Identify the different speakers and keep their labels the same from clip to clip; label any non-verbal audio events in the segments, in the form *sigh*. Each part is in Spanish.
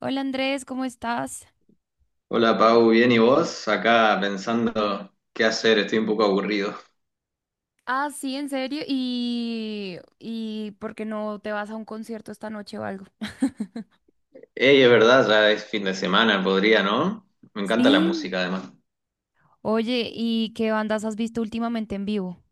Speaker 1: Hola Andrés, ¿cómo estás?
Speaker 2: Hola Pau, ¿bien y vos? Acá pensando qué hacer, estoy un poco aburrido.
Speaker 1: Ah, sí, en serio. ¿Y por qué no te vas a un concierto esta noche o algo? *laughs*
Speaker 2: Ey, es verdad, ya es fin de semana, podría, ¿no? Me encanta la
Speaker 1: Sí.
Speaker 2: música además.
Speaker 1: Oye, ¿y qué bandas has visto últimamente en vivo?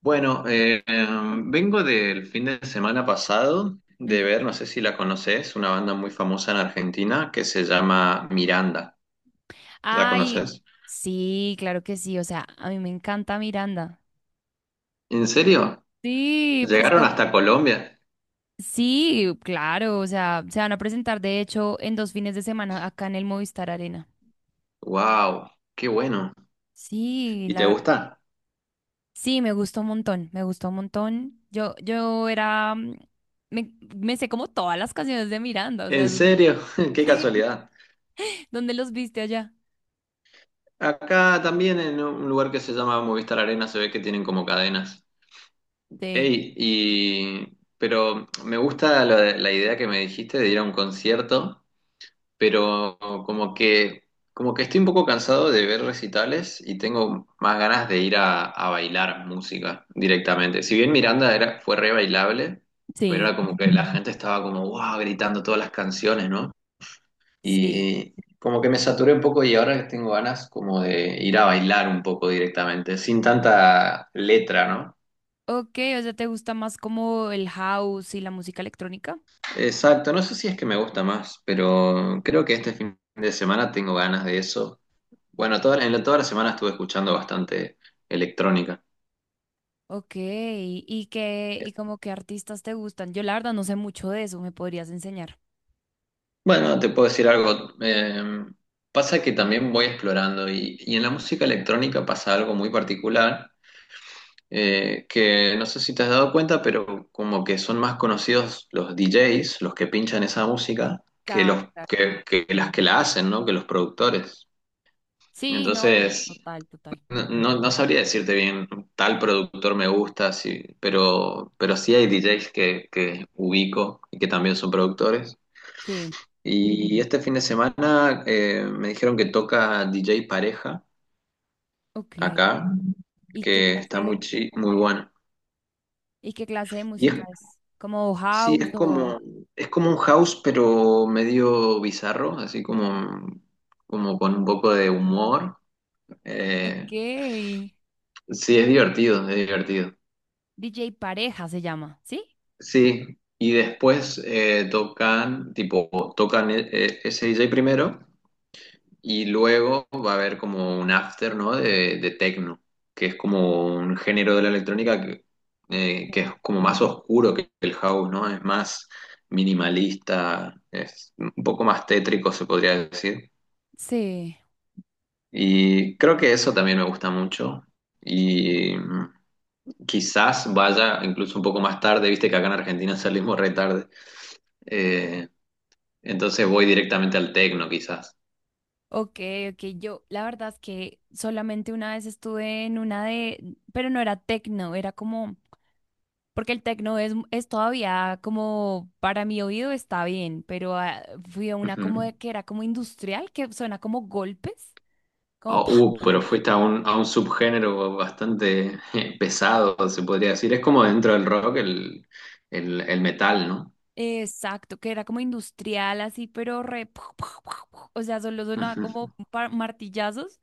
Speaker 2: Bueno, vengo del fin de semana pasado de
Speaker 1: Ujú.
Speaker 2: ver, no sé si la conoces, una banda muy famosa en Argentina que se llama Miranda. ¿La
Speaker 1: Ay,
Speaker 2: conoces?
Speaker 1: sí, claro que sí. O sea, a mí me encanta Miranda.
Speaker 2: ¿En serio?
Speaker 1: Sí, pues
Speaker 2: ¿Llegaron
Speaker 1: como...
Speaker 2: hasta Colombia?
Speaker 1: Sí, claro. O sea, se van a presentar de hecho en dos fines de semana acá en el Movistar Arena.
Speaker 2: ¡Wow! ¡Qué bueno!
Speaker 1: Sí,
Speaker 2: ¿Y te
Speaker 1: la verdad.
Speaker 2: gusta?
Speaker 1: Sí, me gustó un montón, me gustó un montón. Yo era, me sé como todas las canciones de Miranda, o sea,
Speaker 2: ¿En
Speaker 1: es un-
Speaker 2: serio? *laughs*
Speaker 1: *laughs*
Speaker 2: ¡Qué
Speaker 1: sí,
Speaker 2: casualidad!
Speaker 1: ¿dónde los viste allá?
Speaker 2: Acá también en un lugar que se llama Movistar Arena se ve que tienen como cadenas.
Speaker 1: Sí,
Speaker 2: Ey, y pero me gusta la idea que me dijiste de ir a un concierto, pero como que como que estoy un poco cansado de ver recitales y tengo más ganas de ir a bailar música directamente. Si bien Miranda era, fue re bailable, pero
Speaker 1: sí,
Speaker 2: era como que la gente estaba como wow, gritando todas las canciones, ¿no?
Speaker 1: sí.
Speaker 2: Y como que me saturé un poco y ahora tengo ganas como de ir a bailar un poco directamente, sin tanta letra, ¿no?
Speaker 1: Ok, o sea, ¿te gusta más como el house y la música electrónica?
Speaker 2: Exacto, no sé si es que me gusta más, pero creo que este fin de semana tengo ganas de eso. Bueno, toda la semana estuve escuchando bastante electrónica.
Speaker 1: Ok, ¿y como qué artistas te gustan? Yo la verdad no sé mucho de eso, ¿me podrías enseñar?
Speaker 2: Bueno, te puedo decir algo. Pasa que también voy explorando y en la música electrónica pasa algo muy particular, que no sé si te has dado cuenta, pero como que son más conocidos los DJs, los que pinchan esa música, que
Speaker 1: Claro,
Speaker 2: los
Speaker 1: claro.
Speaker 2: que las que la hacen, ¿no? Que los productores.
Speaker 1: Sí, no,
Speaker 2: Entonces,
Speaker 1: total, total.
Speaker 2: no, no, no sabría decirte bien, tal productor me gusta, sí, pero sí hay DJs que ubico y que también son productores.
Speaker 1: Sí,
Speaker 2: Y este fin de semana me dijeron que toca DJ Pareja
Speaker 1: ok.
Speaker 2: acá,
Speaker 1: ¿Y qué
Speaker 2: que está muy,
Speaker 1: clase,
Speaker 2: muy bueno.
Speaker 1: y qué clase de
Speaker 2: Y es
Speaker 1: música es? ¿Como
Speaker 2: Sí,
Speaker 1: house
Speaker 2: es
Speaker 1: o...?
Speaker 2: como, es como un house, pero medio bizarro, así como, como con un poco de humor.
Speaker 1: Ok.
Speaker 2: Eh, sí, es divertido, es divertido.
Speaker 1: DJ Pareja se llama, ¿sí?
Speaker 2: Sí, y después tocan, tipo, tocan ese DJ primero. Y luego va a haber como un after, ¿no? De techno, que es como un género de la electrónica que es como más oscuro que el house, ¿no? Es más minimalista, es un poco más tétrico, se podría decir.
Speaker 1: Sí,
Speaker 2: Y creo que eso también me gusta mucho. Y quizás vaya incluso un poco más tarde, viste que acá en Argentina salimos re tarde. Eh, entonces voy directamente al techno, quizás.
Speaker 1: ok, ok. Yo, la verdad es que solamente una vez estuve en una de, pero no era techno, era como porque el tecno es todavía como, para mi oído está bien, pero ah, fui a una como
Speaker 2: Ujú.
Speaker 1: de- que era como industrial, que suena como golpes,
Speaker 2: Ah,
Speaker 1: como pa,
Speaker 2: Pero fuiste a un, subgénero bastante pesado, se podría decir. Es como dentro del rock el metal, ¿no?
Speaker 1: exacto, que era como industrial así, pero re, pu- pu- pu- pu, o sea, solo sonaba como
Speaker 2: *laughs*
Speaker 1: pa- martillazos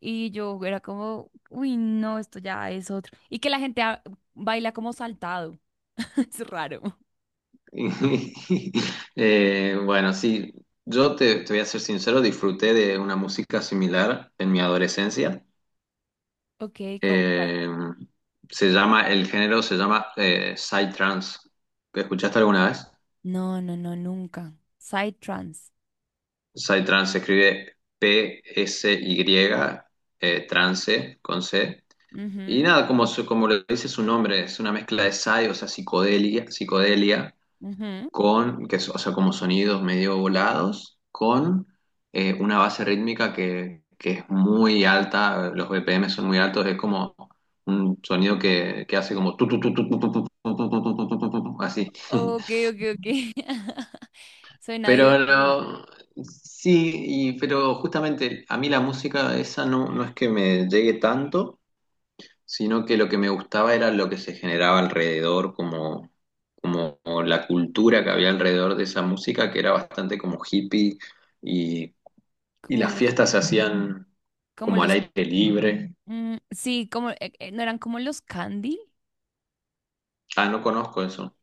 Speaker 1: y yo era como, uy, no, esto ya es otro. Y que la gente ah, baila como saltado, *laughs* es raro.
Speaker 2: Bueno, sí, yo te voy a ser sincero, disfruté de una música similar en mi adolescencia.
Speaker 1: Ok, ¿con cuál?
Speaker 2: Eh, el género se llama psytrance. ¿Escuchaste alguna vez?
Speaker 1: No, no, no, nunca. Side trance.
Speaker 2: Psytrance se escribe PSY, trance con C. Y
Speaker 1: Ujú,
Speaker 2: nada, como, como lo dice su nombre, es una mezcla de psy, o sea, psicodelia
Speaker 1: ujú.
Speaker 2: con, o sea, como sonidos medio volados, con una base rítmica que es muy alta, los BPM son muy altos, es como un sonido que hace como tu, así. *laughs*
Speaker 1: Ok, ok, ok. *laughs* Suena
Speaker 2: Pero
Speaker 1: divertido.
Speaker 2: no- sí, pero justamente a mí la música esa no, no es que me llegue tanto. Sino que lo que me gustaba era lo que se generaba alrededor, como la cultura que había alrededor de esa música, que era bastante como hippie, y, y
Speaker 1: Como
Speaker 2: las
Speaker 1: los,
Speaker 2: fiestas se hacían
Speaker 1: como
Speaker 2: como al
Speaker 1: los,
Speaker 2: aire libre.
Speaker 1: mm, sí, como, no eran como los candy,
Speaker 2: Ah, no conozco eso.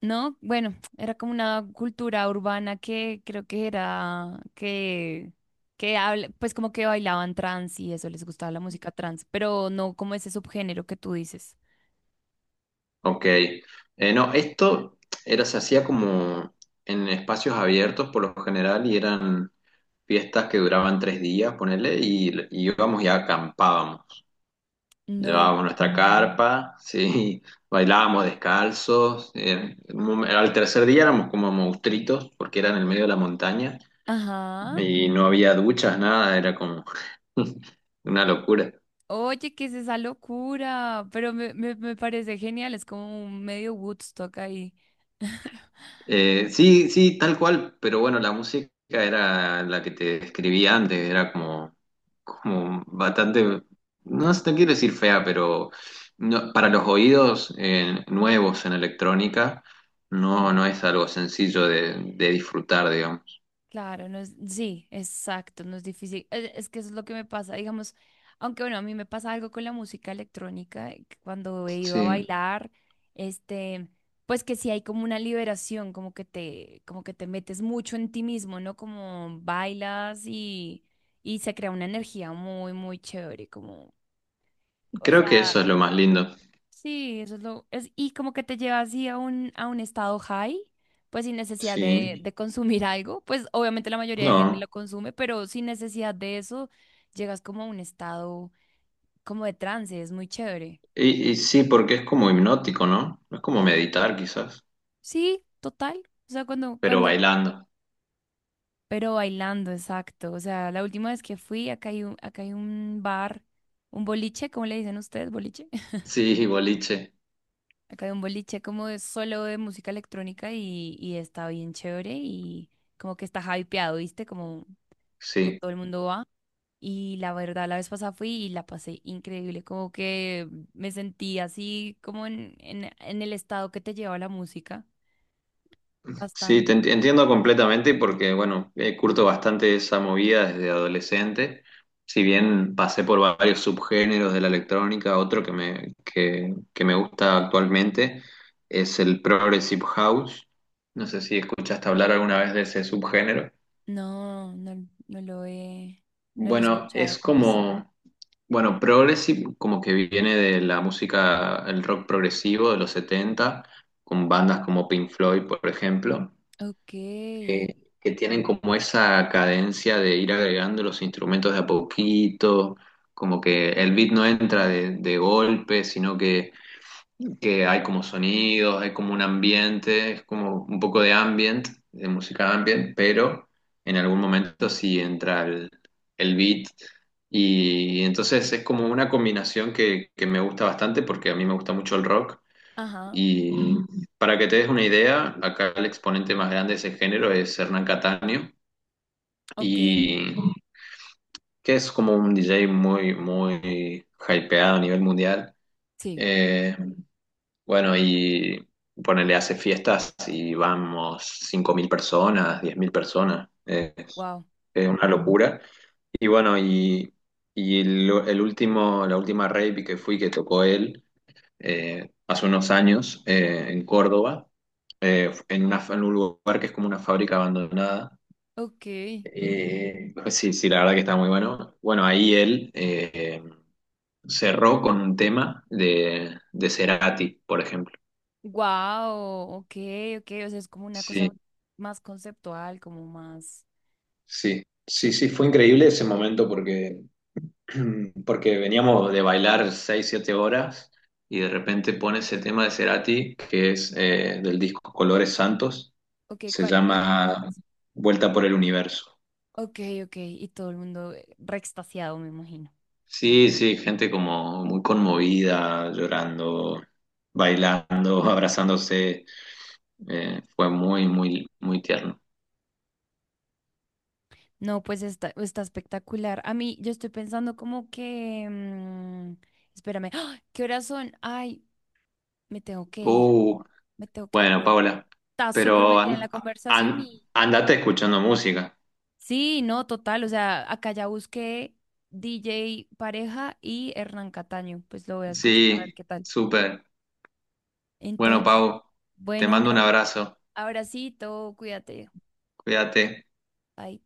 Speaker 1: ¿no? Bueno, era como una cultura urbana que creo que era, que habla, pues como que bailaban trans y eso, les gustaba la música trans, pero no como ese subgénero que tú dices.
Speaker 2: Ok. No, se hacía como en espacios abiertos por lo general y eran fiestas que duraban 3 días, ponele, y íbamos y acampábamos.
Speaker 1: No.
Speaker 2: Llevábamos nuestra carpa, sí, *laughs* bailábamos descalzos. Al tercer día éramos como monstruitos porque era en el medio de la montaña
Speaker 1: Ajá.
Speaker 2: y no había duchas, nada, era como *laughs* una locura.
Speaker 1: Oye, ¿qué es esa locura? Pero me parece genial, es como un medio Woodstock ahí. *laughs*
Speaker 2: Sí, sí, tal cual, pero bueno, la música era la que te describí antes, era como bastante, no sé, no quiero decir fea, pero para los oídos nuevos en electrónica, no, no es algo sencillo de disfrutar, digamos.
Speaker 1: Claro, no es, sí, exacto, no es difícil. Es que eso es lo que me pasa, digamos, aunque bueno, a mí me pasa algo con la música electrónica, que cuando he ido a
Speaker 2: Sí,
Speaker 1: bailar, este, pues que sí hay como una liberación, como que te metes mucho en ti mismo, ¿no? Como bailas y se crea una energía muy, muy chévere, como,
Speaker 2: creo que eso es lo más lindo.
Speaker 1: sí, eso es lo, es, y como que te lleva así a un estado high, pues sin necesidad
Speaker 2: Sí,
Speaker 1: de consumir *laughs* algo, pues obviamente la mayoría de gente lo
Speaker 2: no,
Speaker 1: consume, pero sin necesidad de eso llegas como a un estado como de trance, es muy chévere.
Speaker 2: y sí, porque es como hipnótico, ¿no? Es como meditar quizás,
Speaker 1: Sí, total, o sea, cuando,
Speaker 2: pero
Speaker 1: cuando,
Speaker 2: bailando.
Speaker 1: pero bailando, exacto, o sea, la última vez que fui, acá hay un bar, un boliche, ¿cómo le dicen ustedes, boliche? *laughs*
Speaker 2: Sí, boliche,
Speaker 1: Acá hay un boliche como de solo de música electrónica y está bien chévere y como que está hypeado, ¿viste? Como que
Speaker 2: sí.
Speaker 1: todo el mundo va. Y la verdad, la vez pasada fui y la pasé increíble, como que me sentí así como en el estado que te lleva la música.
Speaker 2: Sí,
Speaker 1: Bastante.
Speaker 2: entiendo completamente porque, bueno, curto bastante esa movida desde adolescente. Si bien pasé por varios subgéneros de la electrónica, otro que me gusta actualmente es el Progressive House. No sé si escuchaste hablar alguna vez de ese subgénero.
Speaker 1: No, no lo he, no lo he
Speaker 2: Bueno,
Speaker 1: escuchado,
Speaker 2: es
Speaker 1: ¿cómo es?
Speaker 2: como, bueno, Progressive como que viene de la música, el rock progresivo de los 70 con bandas como Pink Floyd, por ejemplo.
Speaker 1: Ok.
Speaker 2: eh, que tienen como esa cadencia de ir agregando los instrumentos de a poquito, como que el beat no entra de golpe, sino que hay como sonidos, hay como un ambiente, es como un poco de ambient, de música ambient, pero en algún momento sí entra el beat. Y entonces es como una combinación que me gusta bastante porque a mí me gusta mucho el rock
Speaker 1: Ajá,
Speaker 2: y para que te des una idea, acá el exponente más grande de ese género es Hernán Cataño,
Speaker 1: ok,
Speaker 2: y que es como un DJ muy, muy hypeado a nivel mundial.
Speaker 1: sí,
Speaker 2: Eh, bueno, y ponele, hace fiestas y vamos 5.000 personas, 10.000 personas. Es,
Speaker 1: wow,
Speaker 2: es una locura. Y bueno, el último, la última rave que fui que tocó él, hace unos años en Córdoba, en un lugar que es como una fábrica abandonada.
Speaker 1: ok.
Speaker 2: Pues sí, sí, la verdad que está muy bueno. Bueno, ahí él cerró con un tema de Cerati, por ejemplo.
Speaker 1: Wow, ok, ok, o sea, es como una cosa
Speaker 2: Sí,
Speaker 1: más conceptual, como más.
Speaker 2: sí,
Speaker 1: Sí,
Speaker 2: sí,
Speaker 1: sí.
Speaker 2: sí, fue increíble ese momento porque *clears throat* porque veníamos de bailar 6 7 horas y de repente pone ese tema de Cerati, que es del disco Colores Santos,
Speaker 1: Ok,
Speaker 2: se
Speaker 1: ¿cuál? Y-
Speaker 2: llama Vuelta por el Universo.
Speaker 1: ok, ok, y todo el mundo re extasiado, me imagino.
Speaker 2: Sí, sí, gente como muy conmovida, llorando, bailando, *laughs* abrazándose, fue muy, muy, muy tierno.
Speaker 1: No, pues está, está espectacular. A mí, yo estoy pensando como que. Espérame, ¡Ah! ¿Qué horas son? Ay, me tengo que ir.
Speaker 2: Uh,
Speaker 1: Me tengo que ir.
Speaker 2: bueno,
Speaker 1: Pero
Speaker 2: Paula,
Speaker 1: está súper
Speaker 2: pero
Speaker 1: metida en la conversación.
Speaker 2: andate escuchando música.
Speaker 1: Sí, no, total, o sea, acá ya busqué DJ Pareja y Hernán Cataño, pues lo voy a escuchar a ver
Speaker 2: Sí,
Speaker 1: qué tal.
Speaker 2: súper. Bueno,
Speaker 1: Entonces,
Speaker 2: Pau, te
Speaker 1: bueno, un
Speaker 2: mando un abrazo.
Speaker 1: abracito, cuídate.
Speaker 2: Cuídate.
Speaker 1: Bye.